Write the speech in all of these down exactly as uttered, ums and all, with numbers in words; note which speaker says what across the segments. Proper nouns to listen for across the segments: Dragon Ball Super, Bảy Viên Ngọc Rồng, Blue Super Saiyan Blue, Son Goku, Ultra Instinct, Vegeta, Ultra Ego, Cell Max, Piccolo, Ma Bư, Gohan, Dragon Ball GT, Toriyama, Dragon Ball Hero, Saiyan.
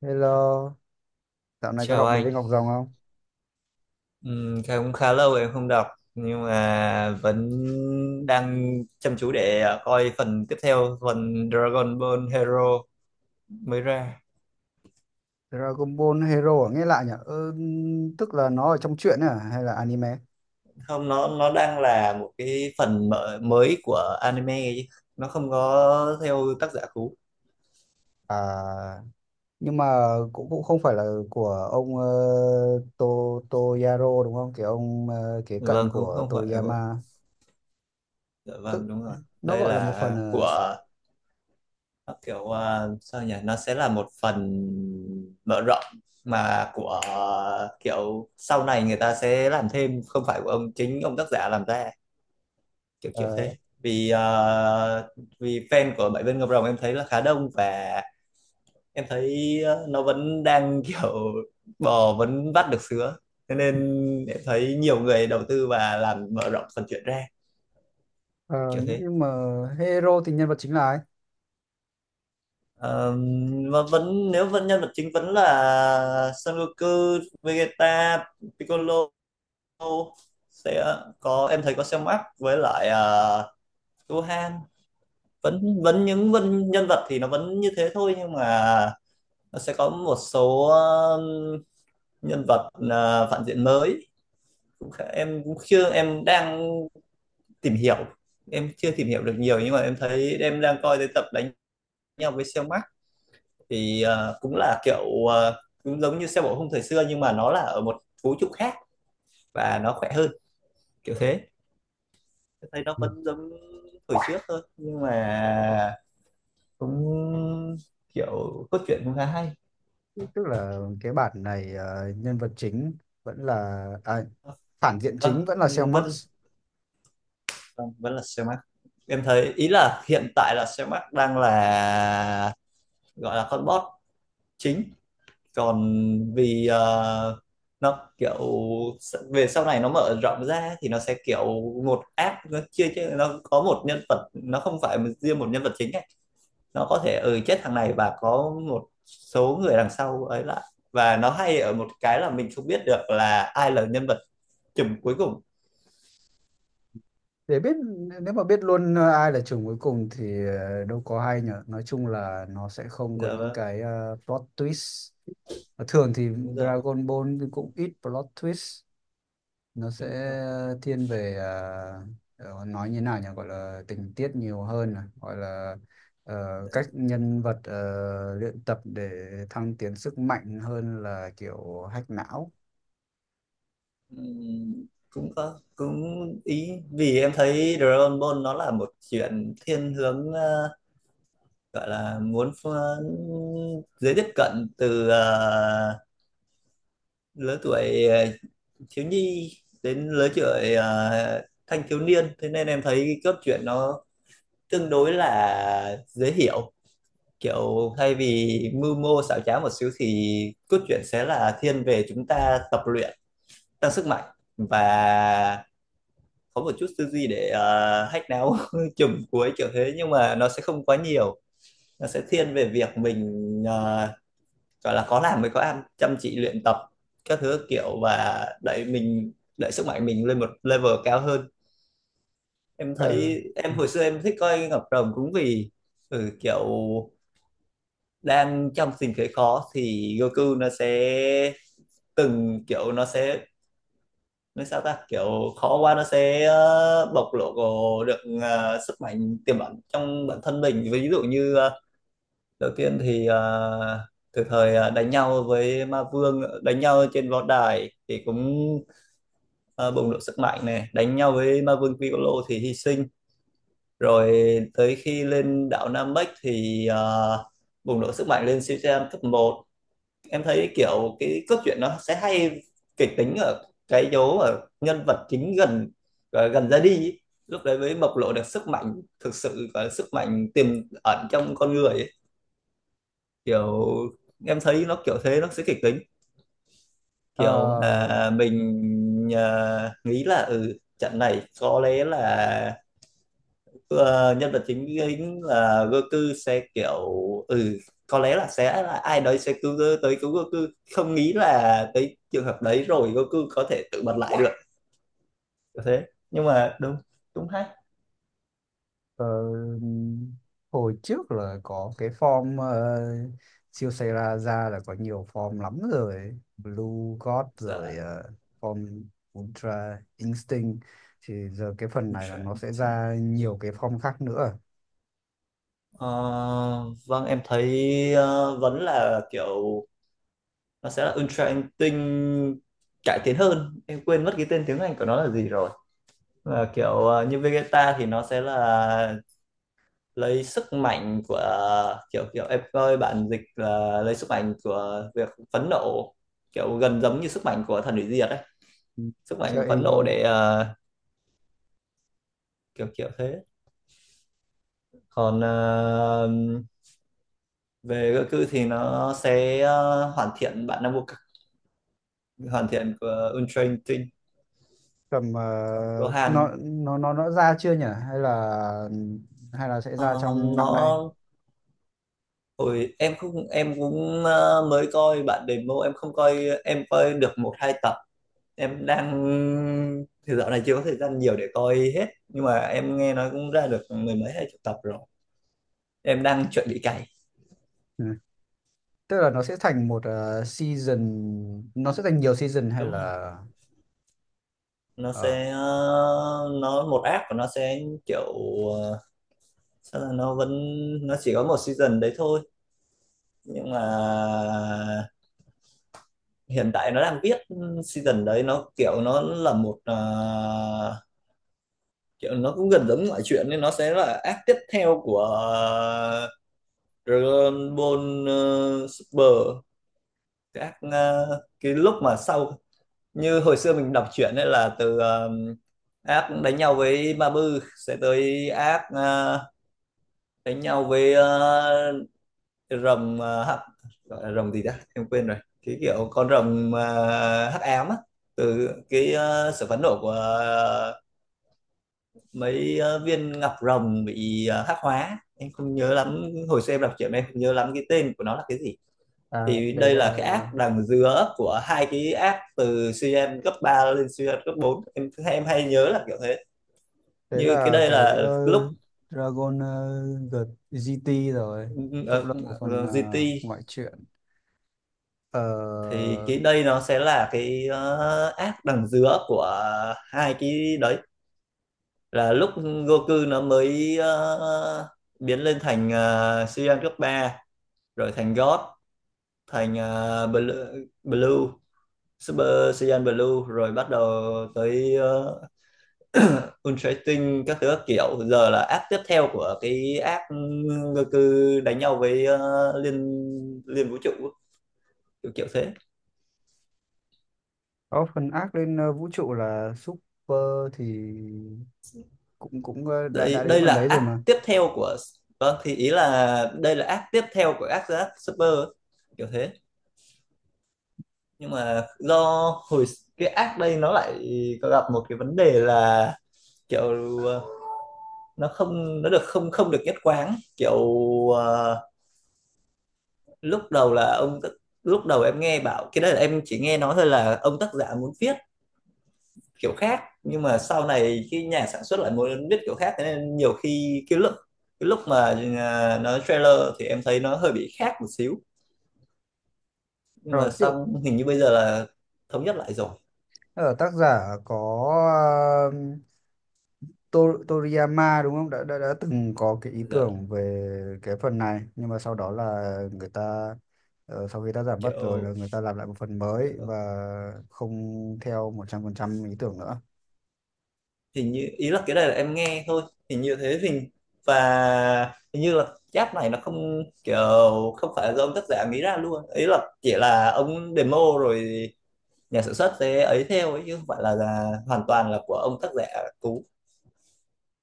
Speaker 1: Hello, dạo này có
Speaker 2: Chào
Speaker 1: đọc Bảy
Speaker 2: anh.
Speaker 1: viên ngọc rồng không?
Speaker 2: Ừm, cũng khá lâu rồi em không đọc, nhưng mà vẫn đang chăm chú để à, coi phần tiếp theo, phần Dragon Ball Hero mới ra.
Speaker 1: Dragon Ball Hero à? Nghe lạ nhỉ? Ừ, tức là nó ở trong truyện ấy à hay là anime?
Speaker 2: Không, nó nó đang là một cái phần mở, mới của anime ấy chứ. Nó không có theo tác giả cũ.
Speaker 1: À, nhưng mà cũng cũng không phải là của ông ờ, To Toyaro đúng không? Cái ông ờ, kế cận
Speaker 2: Vâng, cũng
Speaker 1: của
Speaker 2: không phải của,
Speaker 1: Toriyama.
Speaker 2: dạ
Speaker 1: Tức
Speaker 2: vâng, đúng rồi.
Speaker 1: nó
Speaker 2: Đây
Speaker 1: gọi là một phần
Speaker 2: là
Speaker 1: ờ, s-
Speaker 2: của, kiểu à, sao nhỉ, nó sẽ là một phần mở rộng, mà của uh, kiểu sau này người ta sẽ làm thêm, không phải của ông, chính ông tác giả làm ra, kiểu kiểu
Speaker 1: ờ,
Speaker 2: thế. Vì à, vì fan của Bảy Viên Ngọc Rồng em thấy là khá đông, và em thấy ờ, nó vẫn đang kiểu bò vẫn vắt được sứa, thế nên em thấy nhiều người đầu tư và làm mở rộng phần chuyện ra,
Speaker 1: ờ,
Speaker 2: kiểu thế.
Speaker 1: nhưng mà Hero thì nhân vật chính là ai?
Speaker 2: Ờ, mà vẫn nếu vẫn nhân vật chính vẫn là Son Goku, Vegeta, Piccolo sẽ có, em thấy có Cell Max, với lại uh, Gohan. Vẫn vẫn những vân, nhân vật thì nó vẫn như thế thôi, nhưng mà nó sẽ có một số ờ, nhân vật ờ, phản diện mới. Cũng khá- em cũng chưa, em đang tìm hiểu, em chưa tìm hiểu được nhiều, nhưng mà em thấy em đang coi tới tập đánh nhau với Cell Max. Thì ờ, cũng là kiểu, ờ, cũng giống như xe bộ khung thời xưa, nhưng mà nó là ở một vũ trụ khác và nó khỏe hơn, kiểu thế. Tôi thấy nó
Speaker 1: Ừ.
Speaker 2: vẫn giống thời trước thôi, nhưng mà cũng kiểu cốt truyện cũng khá hay.
Speaker 1: Tức là cái bản này ờ, nhân vật chính vẫn là à, phản diện chính
Speaker 2: Vâng,
Speaker 1: vẫn là Cell
Speaker 2: vâng,
Speaker 1: Max.
Speaker 2: vâng, vẫn là xe Max. Em thấy ý là hiện tại là xe Max đang là, gọi là con boss chính. Còn vì ờ, nó kiểu, s- về sau này nó mở rộng ra thì nó sẽ kiểu một app, nó chia chia nó có một nhân vật, nó không phải một- riêng một nhân vật chính ấy. Nó có thể, ừ, chết thằng này và có một số người đằng sau ấy lại, và nó hay ở một cái là mình không biết được là ai là nhân vật chùm cuối cùng.
Speaker 1: Để biết nếu mà biết luôn ờ, ai là chủng cuối cùng thì ờ, đâu có hay nhở, nói chung là nó sẽ không có
Speaker 2: Dạ
Speaker 1: những
Speaker 2: vâng,
Speaker 1: cái ờ, plot twist. Và thường thì
Speaker 2: đúng rồi,
Speaker 1: Dragon Ball thì cũng ít plot twist, nó sẽ
Speaker 2: đúng rồi.
Speaker 1: thiên về ờ, ờ, nói như nào nhỉ, gọi là tình tiết nhiều hơn à, gọi là ờ, cách nhân vật ờ, luyện tập để thăng tiến sức mạnh hơn là kiểu hack não.
Speaker 2: Ừm, cũng có cũng ý, vì em thấy Dragon Ball nó là một chuyện thiên hướng, ờ, gọi là muốn pha- dễ tiếp cận từ ờ, lứa tuổi ờ, thiếu nhi đến lứa tuổi ờ, thanh thiếu niên. Thế nên em thấy cái cốt truyện nó tương đối là dễ hiểu, kiểu thay vì mưu mô xảo trá một xíu, thì cốt truyện sẽ là thiên về chúng ta tập luyện, tăng sức mạnh, và có một chút tư duy để uh, hack não chùm cuối kiểu thế, nhưng mà nó sẽ không quá nhiều. Nó sẽ thiên về việc mình, ờ, gọi là có làm mới có ăn, chăm chỉ luyện tập các thứ kiểu, và đẩy mình, đẩy sức mạnh mình lên một level cao hơn. Em
Speaker 1: Ờ.
Speaker 2: thấy em
Speaker 1: Ừ.
Speaker 2: hồi xưa em thích coi Ngọc Rồng cũng vì, ừ, kiểu đang trong tình thế khó thì Goku nó sẽ, từng kiểu nó sẽ, nói sao ta, kiểu khó quá nó sẽ ờ, bộc lộ được ờ, sức mạnh tiềm ẩn trong bản thân mình. Ví dụ như ờ, đầu tiên thì à, từ thời à, đánh nhau với ma vương, đánh nhau trên võ đài thì cũng à, bùng nổ sức mạnh này, đánh nhau với ma vương Piccolo thì hy sinh rồi. Tới khi lên đảo Namek thì à, bùng nổ sức mạnh lên Shichiran cấp một. Em thấy kiểu cái cốt truyện nó sẽ hay, kịch tính ở cái dấu ở nhân vật chính gần, à, gần ra đi ý. Lúc đấy mới bộc lộ được sức mạnh thực sự và sức mạnh tiềm ẩn trong con người, kiểu em thấy nó kiểu thế, nó sẽ kịch tính
Speaker 1: Ờ,
Speaker 2: kiểu, à, mình, à, nghĩ là ừ, trận này có lẽ là ờ, nhân vật chính chính là Goku sẽ kiểu, ừ, có lẽ là sẽ là ai đấy sẽ cứu, tới cứu Goku. Không nghĩ là tới trường hợp đấy rồi Goku có thể tự bật lại được, kiểu thế. Nhưng mà đúng, đúng hay.
Speaker 1: ờ, hồi trước là có cái form ờ, siêu xe ra ra là có nhiều form lắm rồi, Blue God
Speaker 2: Dạ,
Speaker 1: rồi ờ, form Ultra Instinct, thì giờ cái phần này là nó sẽ
Speaker 2: interesting.
Speaker 1: ra nhiều cái form khác nữa.
Speaker 2: Ờ, vâng, em thấy ờ, vẫn là kiểu nó sẽ là Ultra Anh cải tiến hơn, em quên mất cái tên tiếng Anh của nó là gì rồi. Mà kiểu ờ, như Vegeta thì nó sẽ là lấy sức mạnh của, kiểu kiểu em coi bản dịch là lấy sức mạnh của việc phẫn nộ, kiểu gần giống như sức mạnh của thần hủy diệt đấy, sức
Speaker 1: Ultra
Speaker 2: mạnh phẫn nộ để
Speaker 1: Ego
Speaker 2: ờ, kiểu kiểu thế. Còn ờ, về Goku thì nó sẽ ờ, hoàn thiện bản năng vô cực, hoàn thiện của Ultra Instinct.
Speaker 1: cầm ờ,
Speaker 2: Còn
Speaker 1: nó
Speaker 2: Gohan
Speaker 1: nó nó nó ra chưa nhỉ hay là hay là sẽ ra
Speaker 2: ờ,
Speaker 1: trong
Speaker 2: nó,
Speaker 1: năm nay?
Speaker 2: ôi, em không, em cũng ờ, mới coi bạn demo, em không coi, em coi được một hai tập. Em đang, thì dạo này chưa có thời gian nhiều để coi hết, nhưng mà em nghe nói cũng ra được mười mấy hai chục tập rồi, em đang chuẩn bị cày.
Speaker 1: Ừ, tức là nó sẽ thành một ờ, season, nó sẽ thành nhiều season hay
Speaker 2: Đúng rồi,
Speaker 1: là
Speaker 2: nó
Speaker 1: ờ,
Speaker 2: sẽ ờ, nó một app của nó sẽ kiểu ờ, sao là nó vẫn, nó chỉ có một season đấy thôi. Nhưng mà hiện tại nó đang viết season đấy, nó kiểu nó là một ờ, kiểu nó cũng gần giống ngoại chuyện, nên nó sẽ là act tiếp theo của ờ, Dragon Ball ờ, Super. Cái act ờ, cái lúc mà sau, như hồi xưa mình đọc truyện ấy, là từ ờ, act đánh nhau với Ma Bư sẽ tới act ờ, đánh nhau với ờ, rồng ờ, hắc, gọi là rồng gì ta em quên rồi, cái kiểu con rồng ờ, hắc ám á, từ cái ờ, sự phẫn nộ của mấy ờ, viên ngọc rồng bị ờ, hắc hóa. Em không nhớ lắm, hồi xưa em đọc chuyện em không nhớ lắm cái tên của nó là cái gì.
Speaker 1: à,
Speaker 2: Thì
Speaker 1: đấy
Speaker 2: đây
Speaker 1: là
Speaker 2: là cái app đằng giữa của hai cái app, từ xê en cấp ba lên xê en cấp bốn, em em hay nhớ là kiểu thế.
Speaker 1: đấy
Speaker 2: Như cái
Speaker 1: là
Speaker 2: đây
Speaker 1: cái
Speaker 2: là
Speaker 1: ờ,
Speaker 2: lúc
Speaker 1: Dragon ờ, G- giê tê rồi, cũng
Speaker 2: ờ,
Speaker 1: là một phần
Speaker 2: ờ,
Speaker 1: ờ,
Speaker 2: giê tê,
Speaker 1: ngoại truyện. Ờ,
Speaker 2: thì cái đây nó sẽ là cái ờ, app đằng giữa của hai cái đấy, là lúc Goku nó mới ờ, biến lên thành uh, Saiyan cấp ba, rồi thành God, thành uh, Blue, Blue Super Saiyan Blue, rồi bắt đầu tới uh, Ultra các thứ các kiểu. Giờ là app tiếp theo của cái app Goku đánh nhau với ờ, liên liên vũ trụ, kiểu kiểu thế.
Speaker 1: có phần ác lên ờ, vũ trụ là Super thì cũng cũng ờ, đã
Speaker 2: đây
Speaker 1: đã đến
Speaker 2: đây
Speaker 1: phần
Speaker 2: là
Speaker 1: đấy rồi
Speaker 2: app
Speaker 1: mà.
Speaker 2: tiếp theo của, vâng thì ý là đây là app tiếp theo của app app Super, kiểu thế. Nhưng mà do hồi cái app đây nó lại có gặp một cái vấn đề là kiểu, uh, nó không nó được, không không được nhất quán, kiểu ờ, lúc đầu là ông, lúc đầu em nghe bảo cái đấy, là em chỉ nghe nói thôi, là ông tác giả muốn viết kiểu khác, nhưng mà sau này khi nhà sản xuất lại muốn viết kiểu khác, thế nên nhiều khi cái lúc cái lúc mà ờ, nó trailer thì em thấy nó hơi bị khác một xíu. Nhưng
Speaker 1: rồi
Speaker 2: mà
Speaker 1: tự-
Speaker 2: xong hình như bây giờ là thống nhất lại rồi.
Speaker 1: ờ, tác giả có To- Toriyama đúng không đã, đã đã từng có cái ý
Speaker 2: Giờ
Speaker 1: tưởng về cái phần này nhưng mà sau đó là người ta ờ, sau khi tác giả mất rồi là
Speaker 2: kiểu
Speaker 1: người ta làm lại một phần mới
Speaker 2: ờ,
Speaker 1: và không theo một trăm phần trăm ý tưởng nữa.
Speaker 2: hình như ý là cái này là em nghe thôi, hình như thế, hình và hình như là giáp này nó không kiểu, không phải do ông tác giả nghĩ ra luôn, ý là chỉ là ông demo rồi nhà sản xuất sẽ ấy theo ấy, chứ không phải là, là hoàn toàn là của ông tác giả cũ.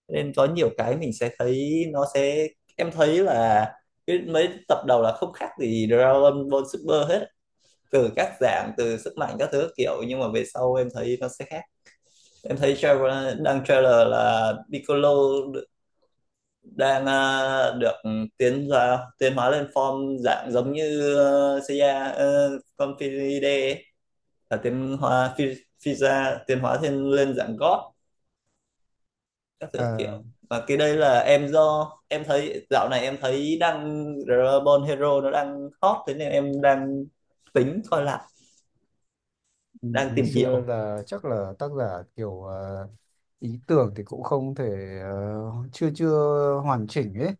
Speaker 2: Nên có nhiều cái mình sẽ thấy nó sẽ, em thấy là cái mấy tập đầu là không khác gì Dragon Ball Super hết, từ các dạng, từ sức mạnh các thứ kiểu, nhưng mà về sau em thấy nó sẽ khác. Em thấy trailer, đăng trailer là Piccolo đang ờ, được tiến ra, tiến hóa lên form dạng giống như uh, Seiya ờ, con, là tiến hóa Fi- tiến hóa thêm lên dạng God các thứ
Speaker 1: Ờ,
Speaker 2: kiểu. Và cái đây là em, do em thấy dạo này em thấy đang Dragon Hero nó đang hot, thế nên em đang tính coi lại, đang
Speaker 1: ngày
Speaker 2: tìm
Speaker 1: xưa
Speaker 2: hiểu.
Speaker 1: là chắc là tác giả kiểu ờ, ý tưởng thì cũng không thể ờ, chưa chưa hoàn chỉnh ấy,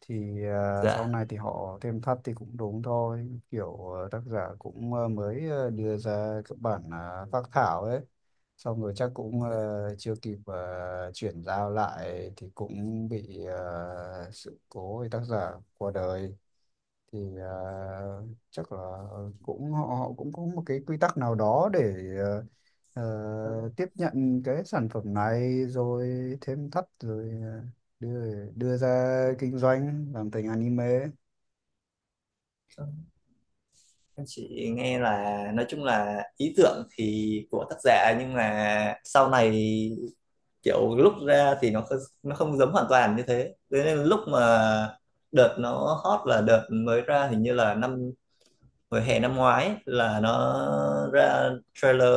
Speaker 1: thì ờ, sau
Speaker 2: Dạ,
Speaker 1: này thì họ thêm thắt thì cũng đúng thôi, kiểu ờ, tác giả cũng ờ, mới ờ, đưa ra các bản ờ, phác thảo ấy, xong rồi chắc cũng ờ, chưa kịp ờ, chuyển giao lại thì cũng bị ờ, sự cố thì tác giả qua đời, thì à, chắc là cũng họ, họ cũng có một cái quy tắc nào đó để ờ, ờ, tiếp nhận cái sản phẩm này rồi thêm thắt rồi ờ, đưa đưa ra kinh doanh làm thành anime.
Speaker 2: em chỉ nghe là nói chung là ý tưởng thì của tác giả, nhưng mà sau này kiểu lúc ra thì nó không- nó không giống hoàn toàn như thế. Thế nên lúc mà đợt nó hot là đợt mới ra, hình như là năm hồi hè năm ngoái ấy, là nó ra trailer.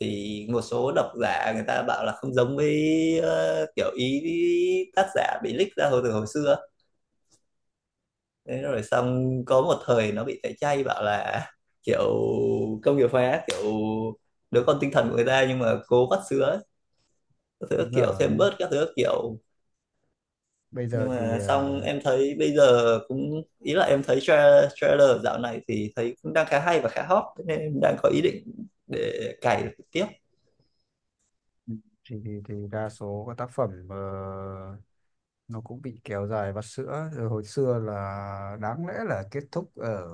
Speaker 2: Thì một số độc giả người ta bảo là không giống với ờ, kiểu ý tác giả bị leak ra hồi từ hồi xưa. Thế rồi xong có một thời nó bị tẩy chay, bảo là kiểu công nghiệp hóa, kiểu đứa con tinh thần của người ta nhưng mà cố vắt sữa ấy, các thứ các
Speaker 1: Đúng
Speaker 2: kiểu, thêm
Speaker 1: rồi,
Speaker 2: bớt các thứ các kiểu.
Speaker 1: bây
Speaker 2: Nhưng
Speaker 1: giờ thì
Speaker 2: mà xong
Speaker 1: ờ,
Speaker 2: em thấy bây giờ, cũng ý là em thấy tra- trailer dạo này thì thấy cũng đang khá hay và khá hot. Thế nên em đang có ý định để cày tiếp.
Speaker 1: thì thì, thì đa số các tác phẩm ờ, nó cũng bị kéo dài vắt sữa rồi, hồi xưa là đáng lẽ là kết thúc ở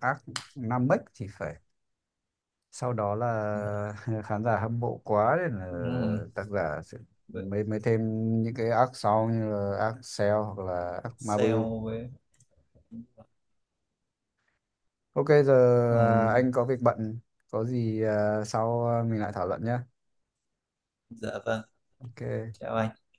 Speaker 1: arc năm thì phải, sau đó là khán giả hâm mộ quá nên là
Speaker 2: Ừ,
Speaker 1: tác giả sẽ mới mới thêm những cái arc sau như là arc Cell hoặc là arc Mabu.
Speaker 2: sale với,
Speaker 1: Ok giờ à,
Speaker 2: ừ,
Speaker 1: anh có việc bận, có gì à, sau à, mình lại thảo luận nhé.
Speaker 2: dạ vâng,
Speaker 1: Ok.
Speaker 2: chào anh.